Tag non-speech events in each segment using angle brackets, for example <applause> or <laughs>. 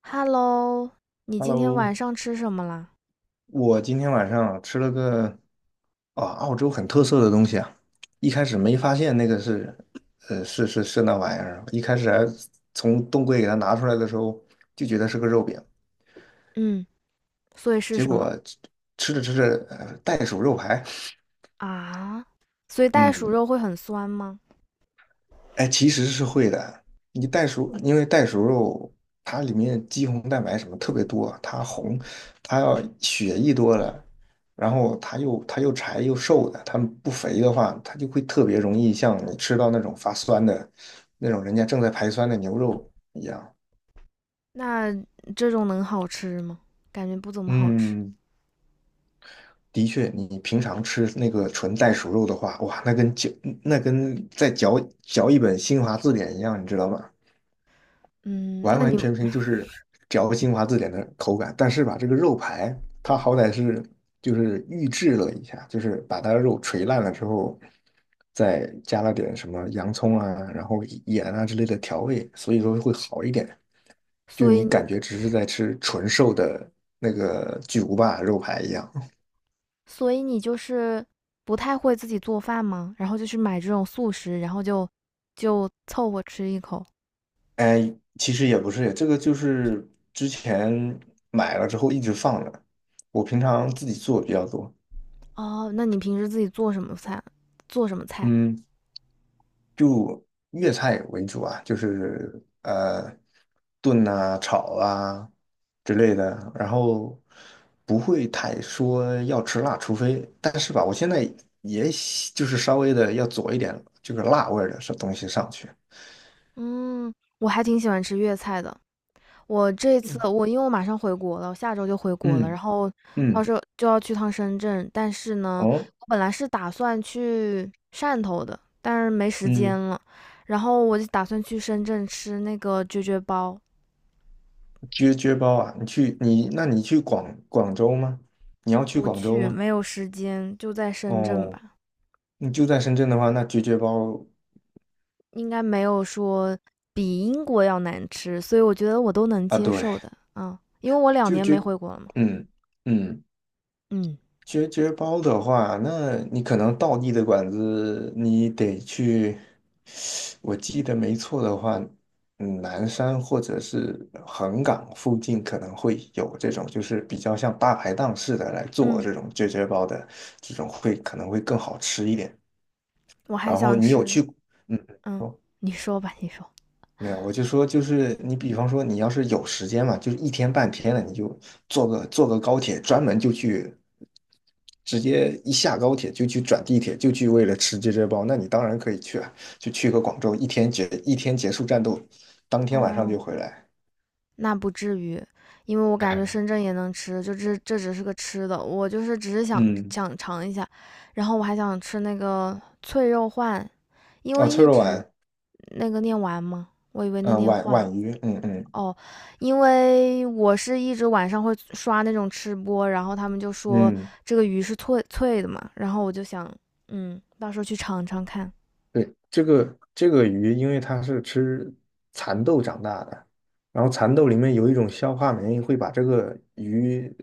Hello，你今天晚 Hello，上吃什么啦？我今天晚上吃了个啊澳洲很特色的东西啊。一开始没发现那个是，是那玩意儿。一开始还从冻柜给它拿出来的时候就觉得是个肉饼，嗯，所以是结什么果吃着吃着袋鼠肉排。啊？所以袋鼠嗯，肉会很酸吗？哎，其实是会的。你袋鼠，因为袋鼠肉它里面肌红蛋白什么特别多，它红，它要血一多了，然后它又柴又瘦的。它不肥的话，它就会特别容易像你吃到那种发酸的，那种人家正在排酸的牛肉一样。那这种能好吃吗？感觉不怎么好吃。嗯，的确，你平常吃那个纯袋鼠肉的话，哇，那跟在嚼一本新华字典一样，你知道吗？嗯，完那完你，全全就是嚼精华字典的口感。但是吧，这个肉排它好歹是就是预制了一下，就是把它的肉锤烂了之后，再加了点什么洋葱啊，然后盐啊之类的调味，所以说会好一点。就所以你感你，觉只是在吃纯瘦的那个巨无霸肉排一样。所以你就是不太会自己做饭吗？然后就去买这种速食，然后就凑合吃一口。哎，其实也不是，这个就是之前买了之后一直放着，我平常自己做比较多。哦，那你平时自己做什么菜？做什么菜？嗯，粤菜为主啊，就是炖啊、炒啊之类的，然后不会太说要吃辣，除非但是吧，我现在就是稍微的要佐一点这个辣味儿的东西上去。嗯，我还挺喜欢吃粤菜的。我这次我因为我马上回国了，我下周就回国了，然嗯后到嗯，时候就要去趟深圳。但是呢，哦，我本来是打算去汕头的，但是没时间嗯，了。然后我就打算去深圳吃那个啫啫包，撅撅包啊。你去广州吗？你要去不广州去，吗？没有时间，就在深圳哦，吧。你就在深圳的话，那撅撅包应该没有说比英国要难吃，所以我觉得我都能啊，接对，受的。啊，因为我两就年没撅回国了嘛。嗯嗯。嗯绝绝包的话，那你可能道地的馆子你得去。我记得没错的话，嗯，南山或者是横岗附近可能会有这种，就是比较像大排档似的来做嗯，这种绝绝包的，这种可能会更好吃一点。我还然后想你有吃。去，嗯，嗯，说。你说吧，你说。没有，我就说，就是你，比方说，你要是有时间嘛，就是一天半天的，你就坐个高铁，专门就去，直接一下高铁就去转地铁，就去为了吃这只包，那你当然可以去啊，就去个广州，一天结束战斗，当天晚上就嗯。回来。那不至于，因为我感觉深 <laughs> 圳也能吃，就这只是个吃的，我就是只是想嗯，想尝一下，然后我还想吃那个脆肉鲩，因哦，为脆一肉直皖。那个念完吗？我以为那嗯、念皖鲩皖渝，嗯嗯哦，因为我是一直晚上会刷那种吃播，然后他们就说嗯，这个鱼是脆脆的嘛，然后我就想，嗯，到时候去尝尝看，对，这个鱼，因为它是吃蚕豆长大的，然后蚕豆里面有一种消化酶，会把这个鱼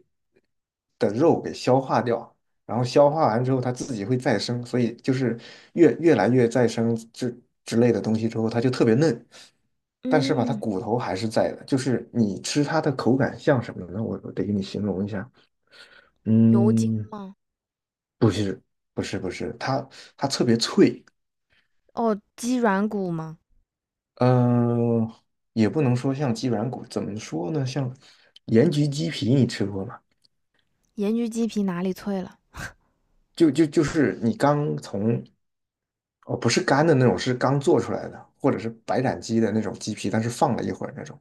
的肉给消化掉，然后消化完之后，它自己会再生，所以就是越来越再生之类的东西之后，它就特别嫩。但是吧，它嗯，骨头还是在的，就是你吃它的口感像什么呢？我得给你形容一下。牛筋嗯，不是不是不是，它特别脆。哦，鸡软骨吗？呃，也不能说像鸡软骨，怎么说呢？像盐焗鸡皮，你吃过吗？盐焗鸡皮哪里脆了？就是你刚从。哦，不是干的那种，是刚做出来的，或者是白斩鸡的那种鸡皮，但是放了一会儿那种，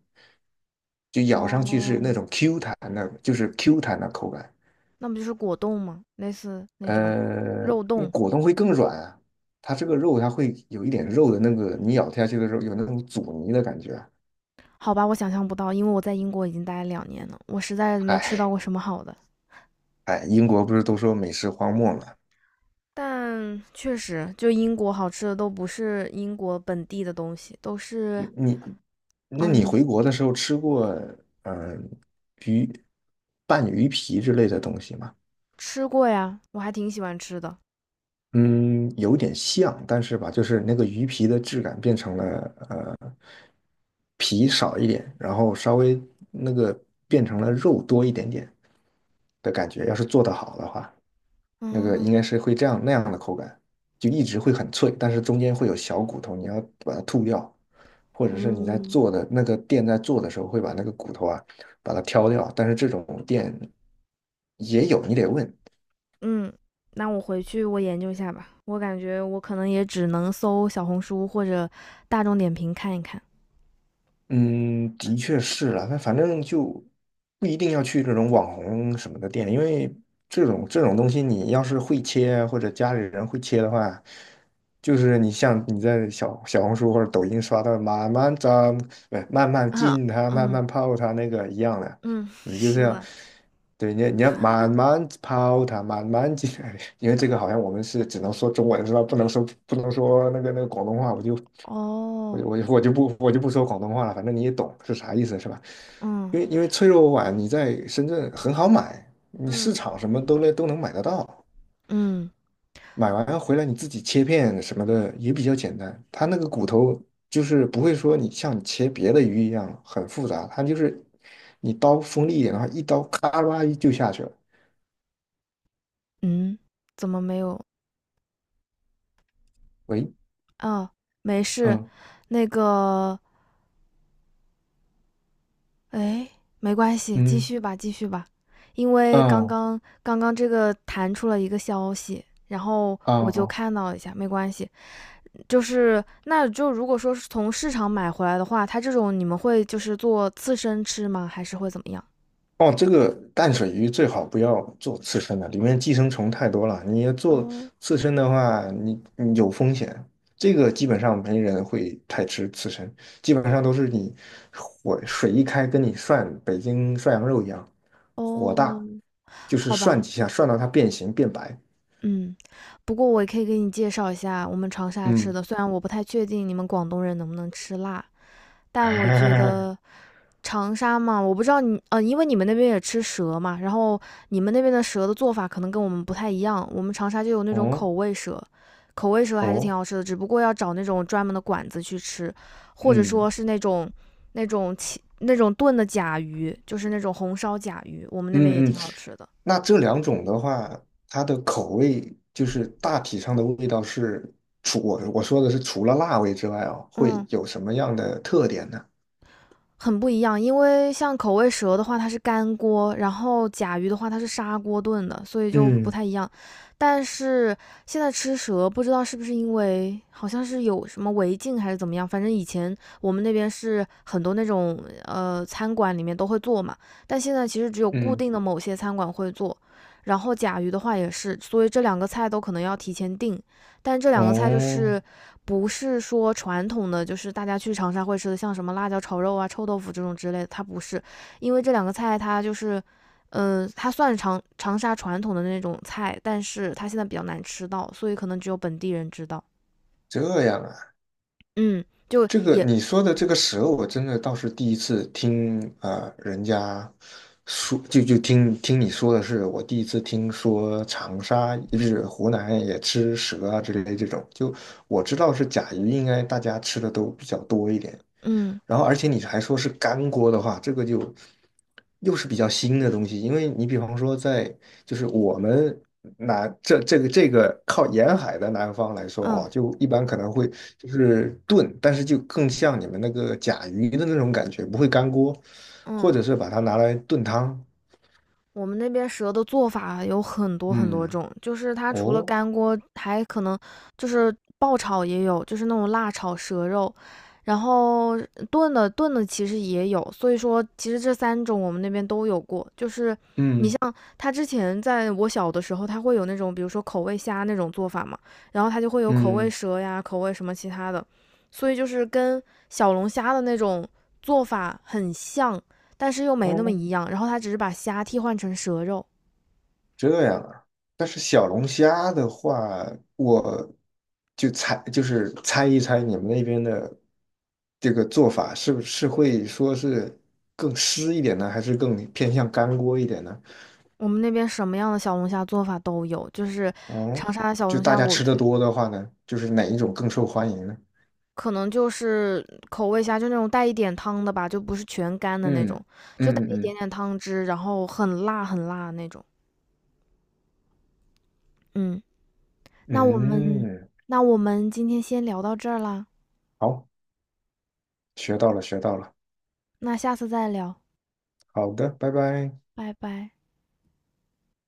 就咬上去是那哦，种 Q 弹的，就是 Q 弹的口感。那不就是果冻吗？类似那种呃，肉冻？果冻会更软啊。它这个肉它会有一点肉的那个，你咬下去的时候有那种阻尼的感觉。好吧，我想象不到，因为我在英国已经待了两年了，我实在没吃到哎，过什么好的。嗨，哎，英国不是都说美食荒漠嘛？但确实，就英国好吃的都不是英国本地的东西，都是对你，那嗯，你你回国的时候吃过嗯鱼拌鱼皮之类的东西吗？吃过呀？我还挺喜欢吃的。嗯，有点像，但是吧，就是那个鱼皮的质感变成了呃皮少一点，然后稍微那个变成了肉多一点点的感觉。要是做得好的话，那个嗯应该是会这样那样的口感，就一直会很脆，但是中间会有小骨头，你要把它吐掉。或者是你在嗯，做的那个店在做的时候会把那个骨头啊把它挑掉，但是这种店也有，你得问。嗯，那我回去我研究一下吧。我感觉我可能也只能搜小红书或者大众点评看一看。嗯，的确是了，那反正就不一定要去这种网红什么的店，因为这种东西，你要是会切啊或者家里人会切的话，就是你像你在小红书或者抖音刷到慢慢炸，不是慢慢 <laughs> 嗯浸它，慢嗯慢泡它那个一样的，嗯，你就这是样，的。对，你要慢慢抛它，慢慢解，来，<laughs> 因为这个好像我们是只能说中文是吧？不能说那个广东话，哦，我就不说广东话了，反正你也懂是啥意思是吧？嗯，因为脆弱碗你在深圳很好买，你市嗯场什么都能买得到。嗯买完回来你自己切片什么的也比较简单，它那个骨头就是不会说你像你切别的鱼一样很复杂，它就是你刀锋利一点的话，一刀咔啦一就下去了。嗯，怎么没有？喂，啊？没事，嗯那个，哎，没关系，继嗯续吧，继续吧。因为刚嗯刚刚刚这个弹出了一个消息，然后我就嗯。看到了一下，没关系。就是那就如果说是从市场买回来的话，它这种你们会就是做刺身吃吗？还是会怎么样？哦，这个淡水鱼最好不要做刺身的，里面寄生虫太多了。你要做哦刺身的话，你有风险。这个基本上没人会太吃刺身，基本上都是你火水一开，跟你涮北京涮羊肉一样，火哦，大，就是好涮吧。几下，涮到它变形变白。嗯，不过我也可以给你介绍一下我们长沙吃嗯，的，虽然我不太确定你们广东人能不能吃辣，但我觉得 <laughs> 长沙嘛，我不知道你，因为你们那边也吃蛇嘛，然后你们那边的蛇的做法可能跟我们不太一样，我们长沙就有那种口哦味蛇，口味蛇还是挺哦，好吃的，只不过要找那种专门的馆子去吃，或者嗯说是那种切那种炖的甲鱼，就是那种红烧甲鱼，我们那边也嗯嗯，挺好吃的。那这两种的话，它的口味就是大体上的味道是，除我说的是除了辣味之外哦，会嗯，有什么样的特点呢？很不一样，因为像口味蛇的话，它是干锅，然后甲鱼的话，它是砂锅炖的，所以就不嗯太一样。但是现在吃蛇，不知道是不是因为好像是有什么违禁还是怎么样，反正以前我们那边是很多那种餐馆里面都会做嘛，但现在其实只有固嗯，定的某些餐馆会做。然后甲鱼的话也是，所以这两个菜都可能要提前订，但这两个菜就哦，是不是说传统的就是大家去长沙会吃的，像什么辣椒炒肉啊、臭豆腐这种之类的，它不是，因为这两个菜它就是，它算长沙传统的那种菜，但是它现在比较难吃到，所以可能只有本地人知道。这样啊，嗯，就这个也，你说的这个蛇，我真的倒是第一次听啊、人家说就听听你说的是，我第一次听说长沙就是湖南也吃蛇啊之类的这种，就我知道是甲鱼，应该大家吃的都比较多一点，嗯然后而且你还说是干锅的话，这个就又是比较新的东西，因为你比方说在就是我们南这这个这个靠沿海的南方来说嗯啊，就一般可能会就是炖，但是就更像你们那个甲鱼的那种感觉，不会干锅，嗯。或者是把它拿来炖汤。我们那边蛇的做法啊有很多很多嗯，种，就是它除了哦，干锅，还可能就是爆炒也有，就是那种辣炒蛇肉，然后炖的其实也有，所以说其实这三种我们那边都有过。就是你嗯像它之前在我小的时候，它会有那种比如说口味虾那种做法嘛，然后它就会有口味嗯，蛇呀、口味什么其他的，所以就是跟小龙虾的那种做法很像，但是又没那么哦，一样。然后他只是把虾替换成蛇肉。这样啊，但是小龙虾的话，我就猜，就是猜一猜你们那边的这个做法是不是会说是更湿一点呢，还是更偏向干锅一点呢？我们那边什么样的小龙虾做法都有，就是嗯，长沙的小就龙大虾，家我吃的觉得多的话呢，就是哪一种更受欢迎呢？可能就是口味虾，就那种带一点汤的吧，就不是全干的那种，嗯就带嗯一点嗯点汤汁，然后很辣很辣那种。嗯，那我嗯嗯，们嗯那我们今天先聊到这儿啦，好，学到了学到了，那下次再聊，好的，拜拜。拜拜。